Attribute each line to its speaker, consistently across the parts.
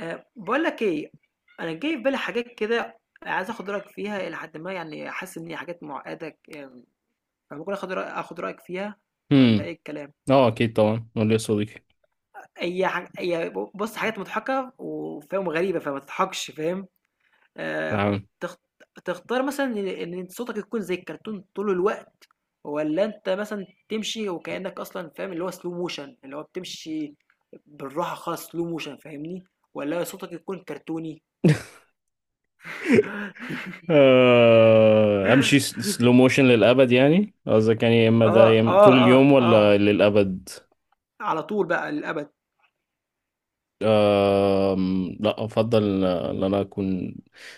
Speaker 1: باقول لك إيه، أنا جاي في بالي حاجات كده عايز آخُد رأيك فيها إلى حدٍ ما، يعني حاسس إن هي حاجات مُعقّدة، فممكن آخُد رأيك فيها والّا
Speaker 2: امم
Speaker 1: إيه الكلام؟
Speaker 2: اه اكيد طبعا قول لي يا صديقي.
Speaker 1: هي ح هي ب بُص، حاجات مضحكة وفاهم وغريبة، فما تضحكش فاهم؟ آآ
Speaker 2: نعم.
Speaker 1: تخت تختار مثلًا إن صوتك يكون زي الكرتون طول الوقت، والّا أنت مثلًا تمشي وكإنّك أصلًا، فاهم اللي هو slow motion، اللي هو بتمشي بالراحة خالص slow motion فاهمني؟ والّا صوتك يكون كرتوني؟
Speaker 2: آه، امشي سلو موشن للابد، يعني قصدك يعني يا اما ده
Speaker 1: آه، آه،
Speaker 2: طول
Speaker 1: آه،
Speaker 2: اليوم
Speaker 1: آه.
Speaker 2: ولا للابد؟
Speaker 1: على طول بقى للأبد.
Speaker 2: لا افضل، ان انا اكون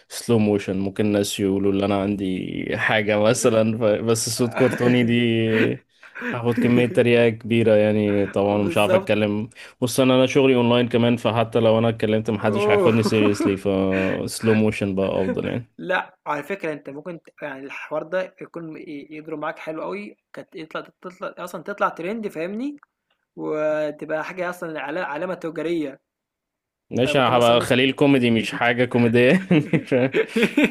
Speaker 2: سلو موشن. ممكن الناس يقولوا ان انا عندي حاجه مثلا، بس صوت كرتوني دي هاخد كميه تريقه كبيره، يعني طبعا مش عارف
Speaker 1: بالضبط.
Speaker 2: اتكلم. بص انا شغلي اونلاين كمان، فحتى لو انا اتكلمت محدش
Speaker 1: أوه.
Speaker 2: هياخدني سيريسلي، فسلو موشن بقى افضل يعني.
Speaker 1: لأ، على فكرة أنت ممكن يعني الحوار ده يكون يضرب معاك حلو أوي، كانت تطلع أصلًا تطلع ترند فاهمني، وتبقى حاجة أصلًا علامة تجارية،
Speaker 2: ماشي انا
Speaker 1: فممكن أصلًا
Speaker 2: هبقى
Speaker 1: الناس.
Speaker 2: خليل كوميدي مش حاجة كوميدية مش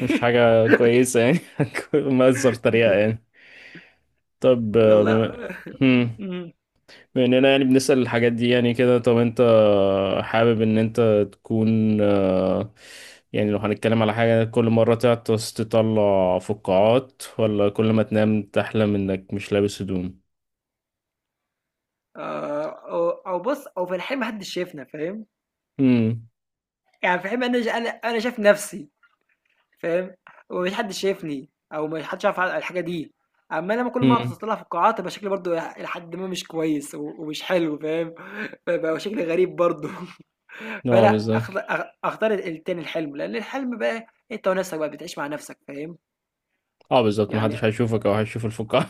Speaker 2: مش حاجة كويسة يعني. مأثر طريقة يعني. طب
Speaker 1: والله.
Speaker 2: هم،
Speaker 1: إمم،
Speaker 2: بما اننا يعني بنسأل الحاجات دي يعني كده، طب انت حابب ان انت تكون يعني لو هنتكلم على حاجة، كل مرة تعطس تطلع فقاعات، ولا كل ما تنام تحلم انك مش لابس هدوم؟
Speaker 1: أو بُص، أو في الحقيقة ما حدش شافنا فاهم،
Speaker 2: هم.
Speaker 1: يعني في الحقيقة أنا شايف نفسي. فاهم، ومفيش حد شايفني او ما حدش عارف على الحاجه دي، اما لما كل ما
Speaker 2: هم.
Speaker 1: اطلع في القاعات يبقى شكلي برضو الى حد ما مش كويس ومش حلو فاهم. فبقى شكلي غريب برضو.
Speaker 2: اه
Speaker 1: فلا
Speaker 2: بالظبط.
Speaker 1: اختار التاني الحلم، لان الحلم بقى انت ونفسك بقى بتعيش مع نفسك فاهم
Speaker 2: اه بالظبط،
Speaker 1: يعني.
Speaker 2: محدش هيشوفك او هيشوف الفقاعة.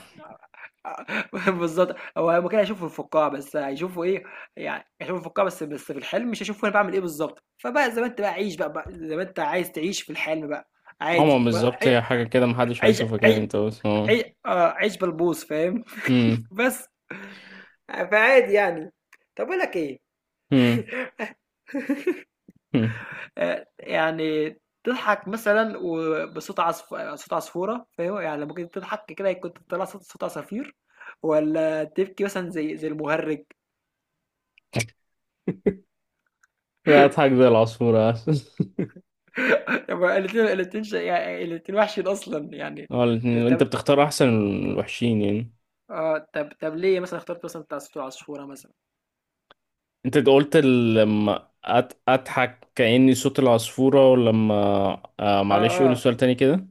Speaker 1: بالظبط. هو ممكن اشوفه في القاع بس هيشوفه ايه؟ يعني اشوفه في القاع، بس في الحلم مش هشوفه انا بعمل ايه بالظبط. فبقى زي ما انت بقى عيش بقى، زي ما انت عايز تعيش في الحلم بقى.
Speaker 2: هما
Speaker 1: عادي بقى
Speaker 2: بالظبط هي حاجة كده محدش
Speaker 1: عيش
Speaker 2: هيشوفك يعني
Speaker 1: عيش.
Speaker 2: انت بس هو.
Speaker 1: عي... آه عيش بلبوص فاهم.
Speaker 2: مم.
Speaker 1: بس، فعادي يعني. طب اقول لك ايه.
Speaker 2: مم. مم.
Speaker 1: آه يعني، تضحك مثلا صوت عصفورة فاهم، يعني لما كنت تضحك كده كنت طلع صوت عصافير، ولا تبكي مثلا زي المهرج.
Speaker 2: لا اضحك زي العصفورة
Speaker 1: يعني الاتنين وحشين اصلا يعني.
Speaker 2: اه الاتنين، انت
Speaker 1: طب،
Speaker 2: بتختار احسن الوحشين يعني.
Speaker 1: اه طب ليه مثلا اخترت مثلا بتاع صوت العصفورة مثلا؟
Speaker 2: انت قلت لما اضحك كأني صوت العصفورة ولما، آه
Speaker 1: اه
Speaker 2: معلش قول
Speaker 1: اه
Speaker 2: السؤال تاني كده.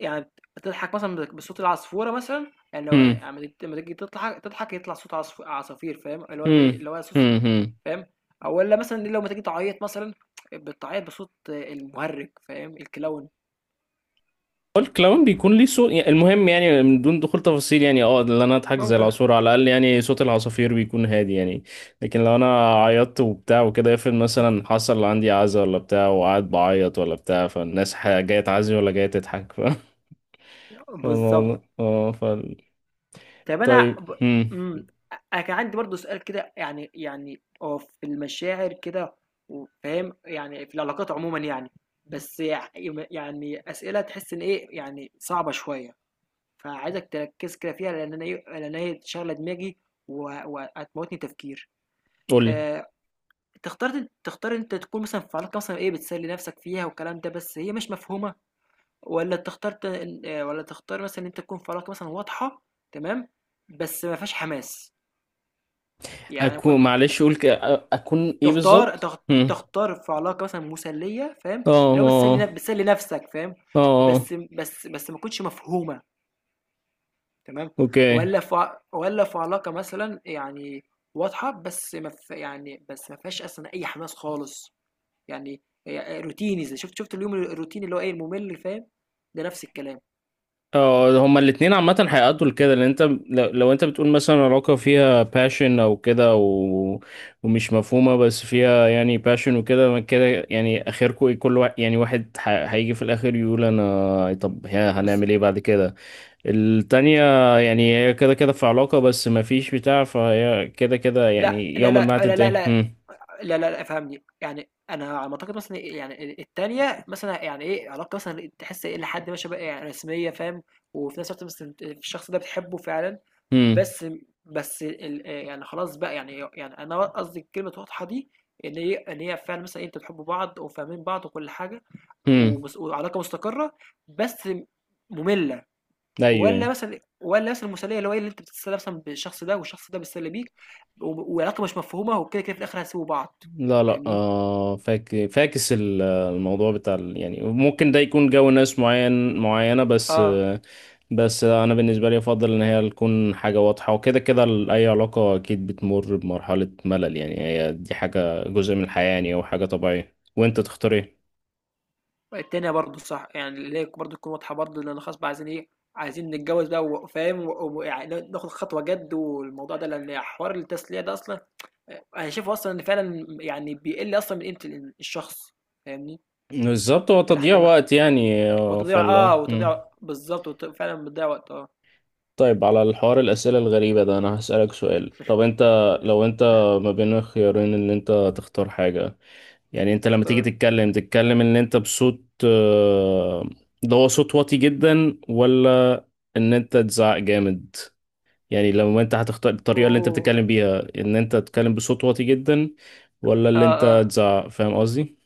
Speaker 1: يعني بتضحك مثلًا بصوت العصفورة مثلًا، يعني لو
Speaker 2: مم.
Speaker 1: أما تيجي لمّا تيجي تضحك تضحك يطلع صوت عصافير فاهم، اللي هو إيه،
Speaker 2: مم.
Speaker 1: اللي هو صوص
Speaker 2: مم. مم.
Speaker 1: فاهم، أو والّا مثلًا لو ما تيجي تعيّط مثلًا بتعيّط بصوت المُهرِّج فاهم، الكلاون.
Speaker 2: الكلاون بيكون ليه صوت يعني، المهم يعني من دون دخول تفاصيل، يعني اه اللي انا اضحك زي
Speaker 1: ممكن.
Speaker 2: العصفور على الاقل، يعني صوت العصافير بيكون هادي يعني. لكن لو انا عيطت وبتاع وكده، افرض مثلا حصل عندي عزا ولا بتاع وقعد بعيط ولا بتاع، فالناس جايه تعزي ولا جايه تضحك
Speaker 1: بالضبط.
Speaker 2: فالموضوع- اه ف
Speaker 1: طب أنا
Speaker 2: طيب
Speaker 1: ب إمم، أنا كان عندي برضه سؤال كده، يعني هو في المشاعر كده وفاهم، يعني في العلاقات عمومًا يعني، بس يع يم يعني أسئلة تحس إن إيه، يعني صعبة شوية. فعايزك تركز كده فيها، لأن أنا إيه، لأن هي شاغلة دماغي وهتموتني تفكير.
Speaker 2: قولي.
Speaker 1: آآ تختار أنت تكون مثلًا في علاقة مثلًا إيه بتسلي نفسك فيها والكلام ده، بس هي مش مفهومة، والّا تختار ت والّا تختار مثلًا إن أنت تكون في علاقة مثلًا واضحة تمام، بس ما فيهاش حماس، يعني ممكن
Speaker 2: معلش قول اكون ايه
Speaker 1: تختار
Speaker 2: بالظبط.
Speaker 1: تخ
Speaker 2: هم.
Speaker 1: تختار في علاقة مثلًا مسلية فاهم،
Speaker 2: اه
Speaker 1: اللي هو
Speaker 2: اه
Speaker 1: بتسلي نفسك فاهم،
Speaker 2: اه آه.
Speaker 1: بس ما تكونش مفهومة. تمام.
Speaker 2: اوكي.
Speaker 1: ولا في علاقه مثلا يعني واضحه، بس ما في يعني بس ما فيهاش اصلا اي حماس خالص يعني. هي روتيني زي شفت اليوم الروتيني اللي هو ايه الممل فاهم. ده نفس الكلام.
Speaker 2: اه هما الاتنين عامة هيأدوا لكده، لان انت لو انت بتقول مثلا علاقة فيها passion او كده ومش مفهومة، بس فيها يعني passion وكده ما كده، يعني اخركم ايه؟ كل واحد يعني واحد هيجي في الاخر يقول انا، طب ها
Speaker 1: بز...
Speaker 2: هنعمل ايه بعد كده؟ التانية يعني هي كده كده في علاقة بس ما فيش بتاع، فهي كده كده
Speaker 1: لا
Speaker 2: يعني
Speaker 1: لا
Speaker 2: يوما
Speaker 1: لا
Speaker 2: ما
Speaker 1: لا لا لا،
Speaker 2: هتنتهي.
Speaker 1: لا
Speaker 2: هم.
Speaker 1: لا لا، فهمني. يعني انا على ما اعتقد مثلا إيه، يعني التانية مثلا يعني ايه، علاقة مثلا تحس ايه لحد ما شبه إيه، يعني رسمية فاهم، وفي نفس الوقت مثلا الشخص ده بتحبه فعلا،
Speaker 2: هم.
Speaker 1: بس يعني خلاص بقى، يعني انا قصدي الكلمة واضحة دي، ان هي فعلا مثلا انتوا بتحبوا بعض وفاهمين بعض وكل حاجة،
Speaker 2: هم.
Speaker 1: وعلاقة مستقرة بس مملة.
Speaker 2: ايوه.
Speaker 1: ولا مثلا المثاليه، اللي هو ايه، اللي انت بتتسلى مثلا بالشخص ده والشخص ده بيتسلى بيك وعلاقه مش مفهومه، وكده كده في الاخر هتسيبوا بعض
Speaker 2: لا لا
Speaker 1: فاهمني.
Speaker 2: آه، فاكس الموضوع بتاع يعني ممكن ده يكون جو ناس معين معينة بس
Speaker 1: اه
Speaker 2: آه. بس أنا بالنسبة لي أفضل إن هي تكون حاجة واضحة، وكده كده أي علاقة أكيد بتمر بمرحلة ملل، يعني هي دي حاجة جزء من الحياة، يعني أو حاجة طبيعية، وأنت تختار إيه.
Speaker 1: التانية برضه صح، يعني اللي هي برضه تكون واضحه برضه، لان خلاص بقى عايزين ايه، عايزين نتجوز بقى فاهم يعني ناخد خطوه جد والموضوع ده، لان حوار التسليه ده اصلا انا شايفه اصلا ان فعلا يعني بيقل اصلا من قيمه الشخص فاهمني.
Speaker 2: بالظبط، هو
Speaker 1: الى
Speaker 2: تضييع
Speaker 1: حد ما.
Speaker 2: وقت يعني فالله. مم.
Speaker 1: وتضيع بالظبط فعلا بتضيع وقت اه.
Speaker 2: طيب على الحوار الأسئلة الغريبة ده، أنا هسألك سؤال. طب أنت لو أنت ما بين الخيارين، إن أنت تختار حاجة يعني، انت لما تيجي
Speaker 1: اختار.
Speaker 2: تتكلم ان انت بصوت ده هو صوت واطي جدا، ولا ان انت تزعق جامد. يعني لما انت هتختار الطريقة اللي انت
Speaker 1: اوه.
Speaker 2: بتتكلم بيها، ان انت تتكلم بصوت واطي جدا ولا اللي
Speaker 1: اه
Speaker 2: انت
Speaker 1: اه،
Speaker 2: تزعق، فاهم قصدي؟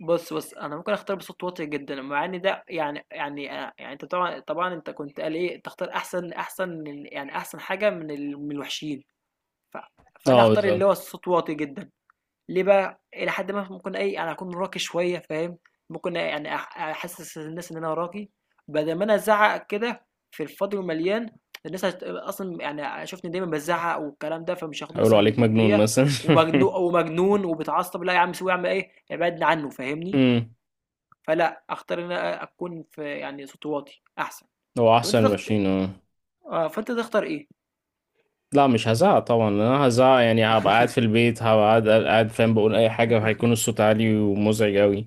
Speaker 1: بُص، بُص، أنا ممكن أختار بصوت واطي جدًا، مع إن ده يعني، يعني أنت طبعًا أنت كنت قال إيه، تختار أحسن من يعني أحسن حاجة من الوحشين، ف فأنا
Speaker 2: اه
Speaker 1: هاختار اللي هو
Speaker 2: بالظبط.
Speaker 1: الصوت واطي جدًا. ليه بقى؟ إلى حدٍ ما ممكن إيه، أنا هاكون راقي شوية فاهم، ممكن يعني أحسس الناس إن أنا راقي، بدل ما أنا أزعّق كده في الفاضي والمليان، الناس أصلًا يعني هيشوفني دايمًا بازعّق والكلام ده، فمش هياخدوني
Speaker 2: هيقولوا
Speaker 1: أصلًا
Speaker 2: عليك مجنون
Speaker 1: بجدية،
Speaker 2: مثلا
Speaker 1: ومجنون وبيتعصب، لا يا عم سيبه يا عم إيه، ابعدنا عنه فاهمني؟
Speaker 2: امم
Speaker 1: فلا اختار ان انا اكون في يعني صوتي واطي احسن.
Speaker 2: هو
Speaker 1: طب انت
Speaker 2: احسن
Speaker 1: تخت...
Speaker 2: ماشيين اه.
Speaker 1: اه، فانت تختار ايه؟
Speaker 2: لا مش هزعق طبعا، لأن انا هزعق يعني هبقى قاعد في البيت، هبقى قاعد فاهم، بقول اي حاجه وهيكون الصوت عالي ومزعج قوي.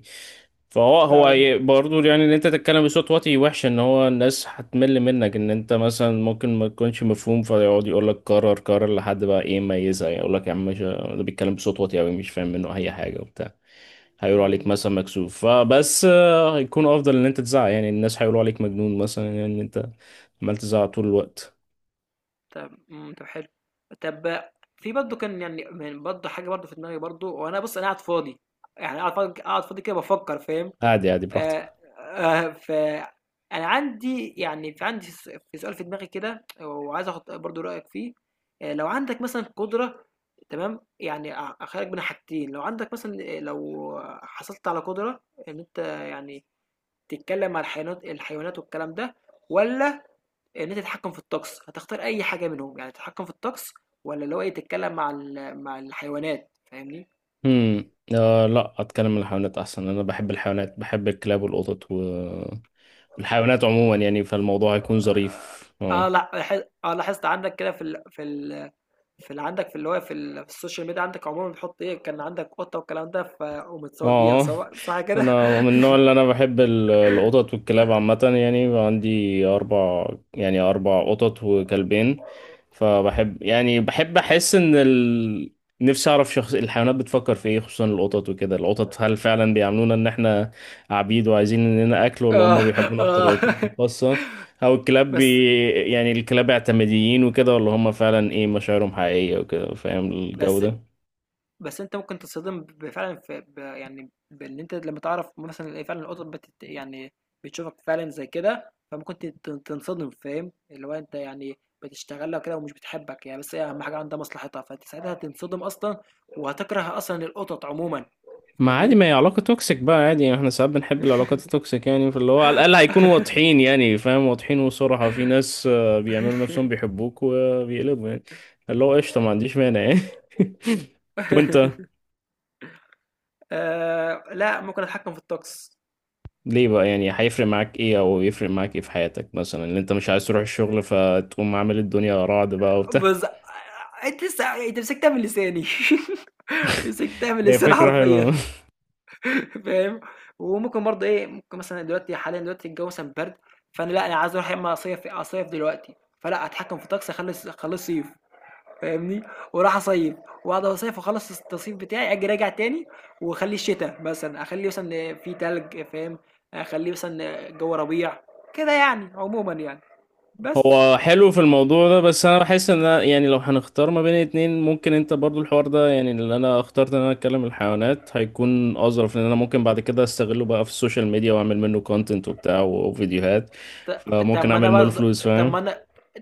Speaker 2: فهو
Speaker 1: فعلا.
Speaker 2: برضو يعني ان انت تتكلم بصوت واطي وحش، ان هو الناس هتمل منك، ان انت مثلا ممكن ما تكونش مفهوم، فيقعد يقول لك كرر كرر لحد بقى ايه ما يزهق، يقول لك يا عم مش ده بيتكلم بصوت واطي قوي مش فاهم منه اي حاجه وبتاع. هيقولوا عليك
Speaker 1: امم.
Speaker 2: مثلا مكسوف، فبس هيكون افضل ان انت تزعق، يعني الناس هيقولوا عليك مجنون مثلا يعني، ان انت عمال تزعق طول الوقت.
Speaker 1: طب. طب حلو. طب في برضه كان يعني برضه حاجه برضه في دماغي برضه، وانا بص انا قاعد فاضي، يعني قاعد فاضي قاعد فاضي كده بفكر فاهم.
Speaker 2: عادي عادي براحتك.
Speaker 1: آآ ف أنا عندي يعني في عندي س في سؤال في دماغي كده، وعايز آخُد برضه رأيك فيه. لو عندك مثلًا قدرة تمام، يعني أخيّرك بين حاجتين، لو عندك مثلًا لو حصلت على قدرة إن أنت يعني تتكلّم مع الحيوانات والكلام ده، والّا إن أنت تتحكّم في الطقس، هتختار أي حاجة منهم؟ يعني تتحكّم في الطقس والّا اللي هو إيه تتكلّم مع الحيوانات فاهمني؟
Speaker 2: آه لا، اتكلم عن الحيوانات احسن، انا بحب الحيوانات، بحب الكلاب والقطط والحيوانات عموما يعني، فالموضوع هيكون ظريف
Speaker 1: آه
Speaker 2: اه.
Speaker 1: لأ لاح آه لاحظت عندك كده في اللي عندك في اللي هو في في السوشيال ميديا، عندك عمومًا بتحُط إيه، كان عندك قطة والكلام ده، فقوم متصوّر بيها
Speaker 2: اه
Speaker 1: صح كده؟
Speaker 2: انا من النوع اللي انا بحب القطط والكلاب عامه، يعني عندي اربع، يعني 4 قطط وكلبين. فبحب يعني بحب احس ان نفسي اعرف شخص الحيوانات بتفكر في ايه، خصوصا القطط وكده، القطط هل فعلا بيعاملونا ان احنا عبيد وعايزين اننا اكل، ولا
Speaker 1: آه،
Speaker 2: هم بيحبونا
Speaker 1: آه.
Speaker 2: بطريقتنا الخاصه. او الكلاب
Speaker 1: بس
Speaker 2: يعني الكلاب اعتماديين وكده، ولا هم فعلا ايه مشاعرهم حقيقيه وكده، فاهم الجو
Speaker 1: بس
Speaker 2: ده.
Speaker 1: بس أنت ممكن تتصدم ب فعلًا في ب يعني بإن أنت لمّا تعرف مثلًا إن فعلًا القطط يعني بتشوفك فعلًا زي كده، فممكن ت ت تنصدم فاهم، اللي هو أنت يعني بتشتغل لها وكده ومش بتحبك يعني، بس هي أهم حاجة عندها مصلحتها، فأنت ساعتها هتنصدم أصلًا وهتكره أصلًا القطط عمومًا،
Speaker 2: ما عادي،
Speaker 1: فاهمني؟
Speaker 2: ما هي علاقة توكسيك بقى عادي يعني، احنا ساعات بنحب العلاقات التوكسيك يعني، فاللي هو على الأقل هيكونوا واضحين يعني، فاهم واضحين، وصراحة في ناس بيعملوا نفسهم بيحبوك وبيقلبوا يعني. اللي هو قشطة ما عنديش مانع يعني وانت
Speaker 1: آه لا، ممكن اتحكم في الطقس.
Speaker 2: ليه بقى، يعني هيفرق معاك ايه او يفرق معاك ايه في حياتك مثلا، ان انت مش عايز تروح الشغل فتقوم عامل الدنيا رعد بقى وبتاع؟
Speaker 1: بز... انت لسه مسكتها من لساني. مسكتها من
Speaker 2: هي
Speaker 1: لساني
Speaker 2: فكرة حلوة.
Speaker 1: حرفيا. فاهم. وممكن برضه ايه، ممكن مثلا دلوقتي حاليا دلوقتي الجو مثلا برد، فانا لا انا عايز اروح يا اما اصيف اصيف دلوقتي، فلا اتحكم في الطقس اخلي اخليه صيف فاهمني، وراح اصيف، واقعد اصيف واخلص التصيف بتاعي اجي راجع تاني، واخليه شتاء مثلا، اخليه مثلا في تلج فاهم، اخليه مثلا جو ربيع كده يعني عموما يعني. بس.
Speaker 2: هو حلو في الموضوع ده، بس انا بحس ان أنا يعني لو هنختار ما بين اتنين ممكن انت برضو، الحوار ده يعني اللي انا اخترت ان انا اتكلم الحيوانات هيكون اظرف، لان انا ممكن بعد كده استغله بقى في السوشيال ميديا واعمل منه كونتنت وبتاع وفيديوهات،
Speaker 1: طب
Speaker 2: فممكن
Speaker 1: ما انا
Speaker 2: اعمل منه
Speaker 1: برضه،
Speaker 2: فلوس
Speaker 1: طب
Speaker 2: فاهم.
Speaker 1: ما انا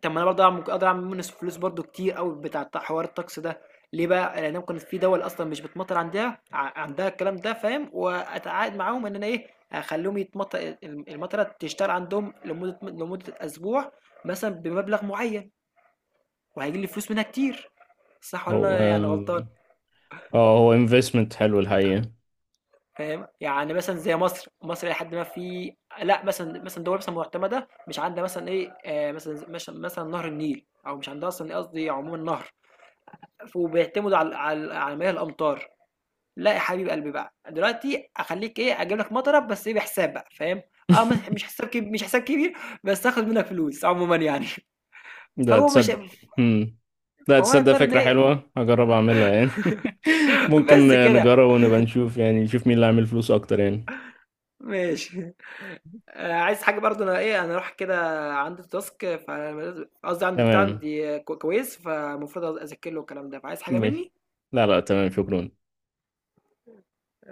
Speaker 1: طب ما انا برضه ممكن اقدر اعمل منه فلوس برضه كتير قوي بتاع حوار الطقس ده. ليه بقى؟ لان ممكن في دول اصلا مش بتمطر عندها عندها الكلام ده فاهم، واتعاقد معاهم ان انا ايه اخليهم يتمطر، المطره تشتغل عندهم لمده اسبوع مثلا بمبلغ معين، وهيجي لي فلوس منها كتير. صح ولا
Speaker 2: هو
Speaker 1: انا يعني
Speaker 2: اه
Speaker 1: غلطان؟
Speaker 2: آه، هو انفستمنت حلو الحقيقة.
Speaker 1: فاهم؟ يعني مثلًا زي مصر، إلى حدٍ ما في، لأ مثلًا دول مثلًا معتمدة مش عندها مثلًا إيه، مثلًا مش مثلًا نهر النيل، أو مش عندها أصلًا قصدي عمومًا نهر، وبيعتمدوا على مياه الأمطار، لأ يا حبيب قلبي بقى، دلوقتي أخلّيك إيه، أجيب لك مطرة بس إيه بحساب بقى فاهم؟ آه، مح مش حساب كب مش حساب كبير، بس هاخد منك فلوس عمومًا يعني.
Speaker 2: ده
Speaker 1: فهو مش،
Speaker 2: تصدق؟ هم. لا
Speaker 1: فهو
Speaker 2: تصدق،
Speaker 1: هيضطر إن
Speaker 2: فكرة
Speaker 1: إيه.
Speaker 2: حلوة، هجرب اعملها يعني ممكن.
Speaker 1: بس كده.
Speaker 2: نجرب ونبقى نشوف يعني، نشوف مين اللي عامل فلوس اكتر يعني.
Speaker 1: ماشي. آه، عايز حاجة برضه، انا ايه انا اروح كده، عندي تاسك قصدي عندي بتاع
Speaker 2: تمام.
Speaker 1: عندي كويس، فالمفروض اذاكر له الكلام ده، فعايز حاجة
Speaker 2: ماشي.
Speaker 1: مني.
Speaker 2: لا لا تمام شكرا.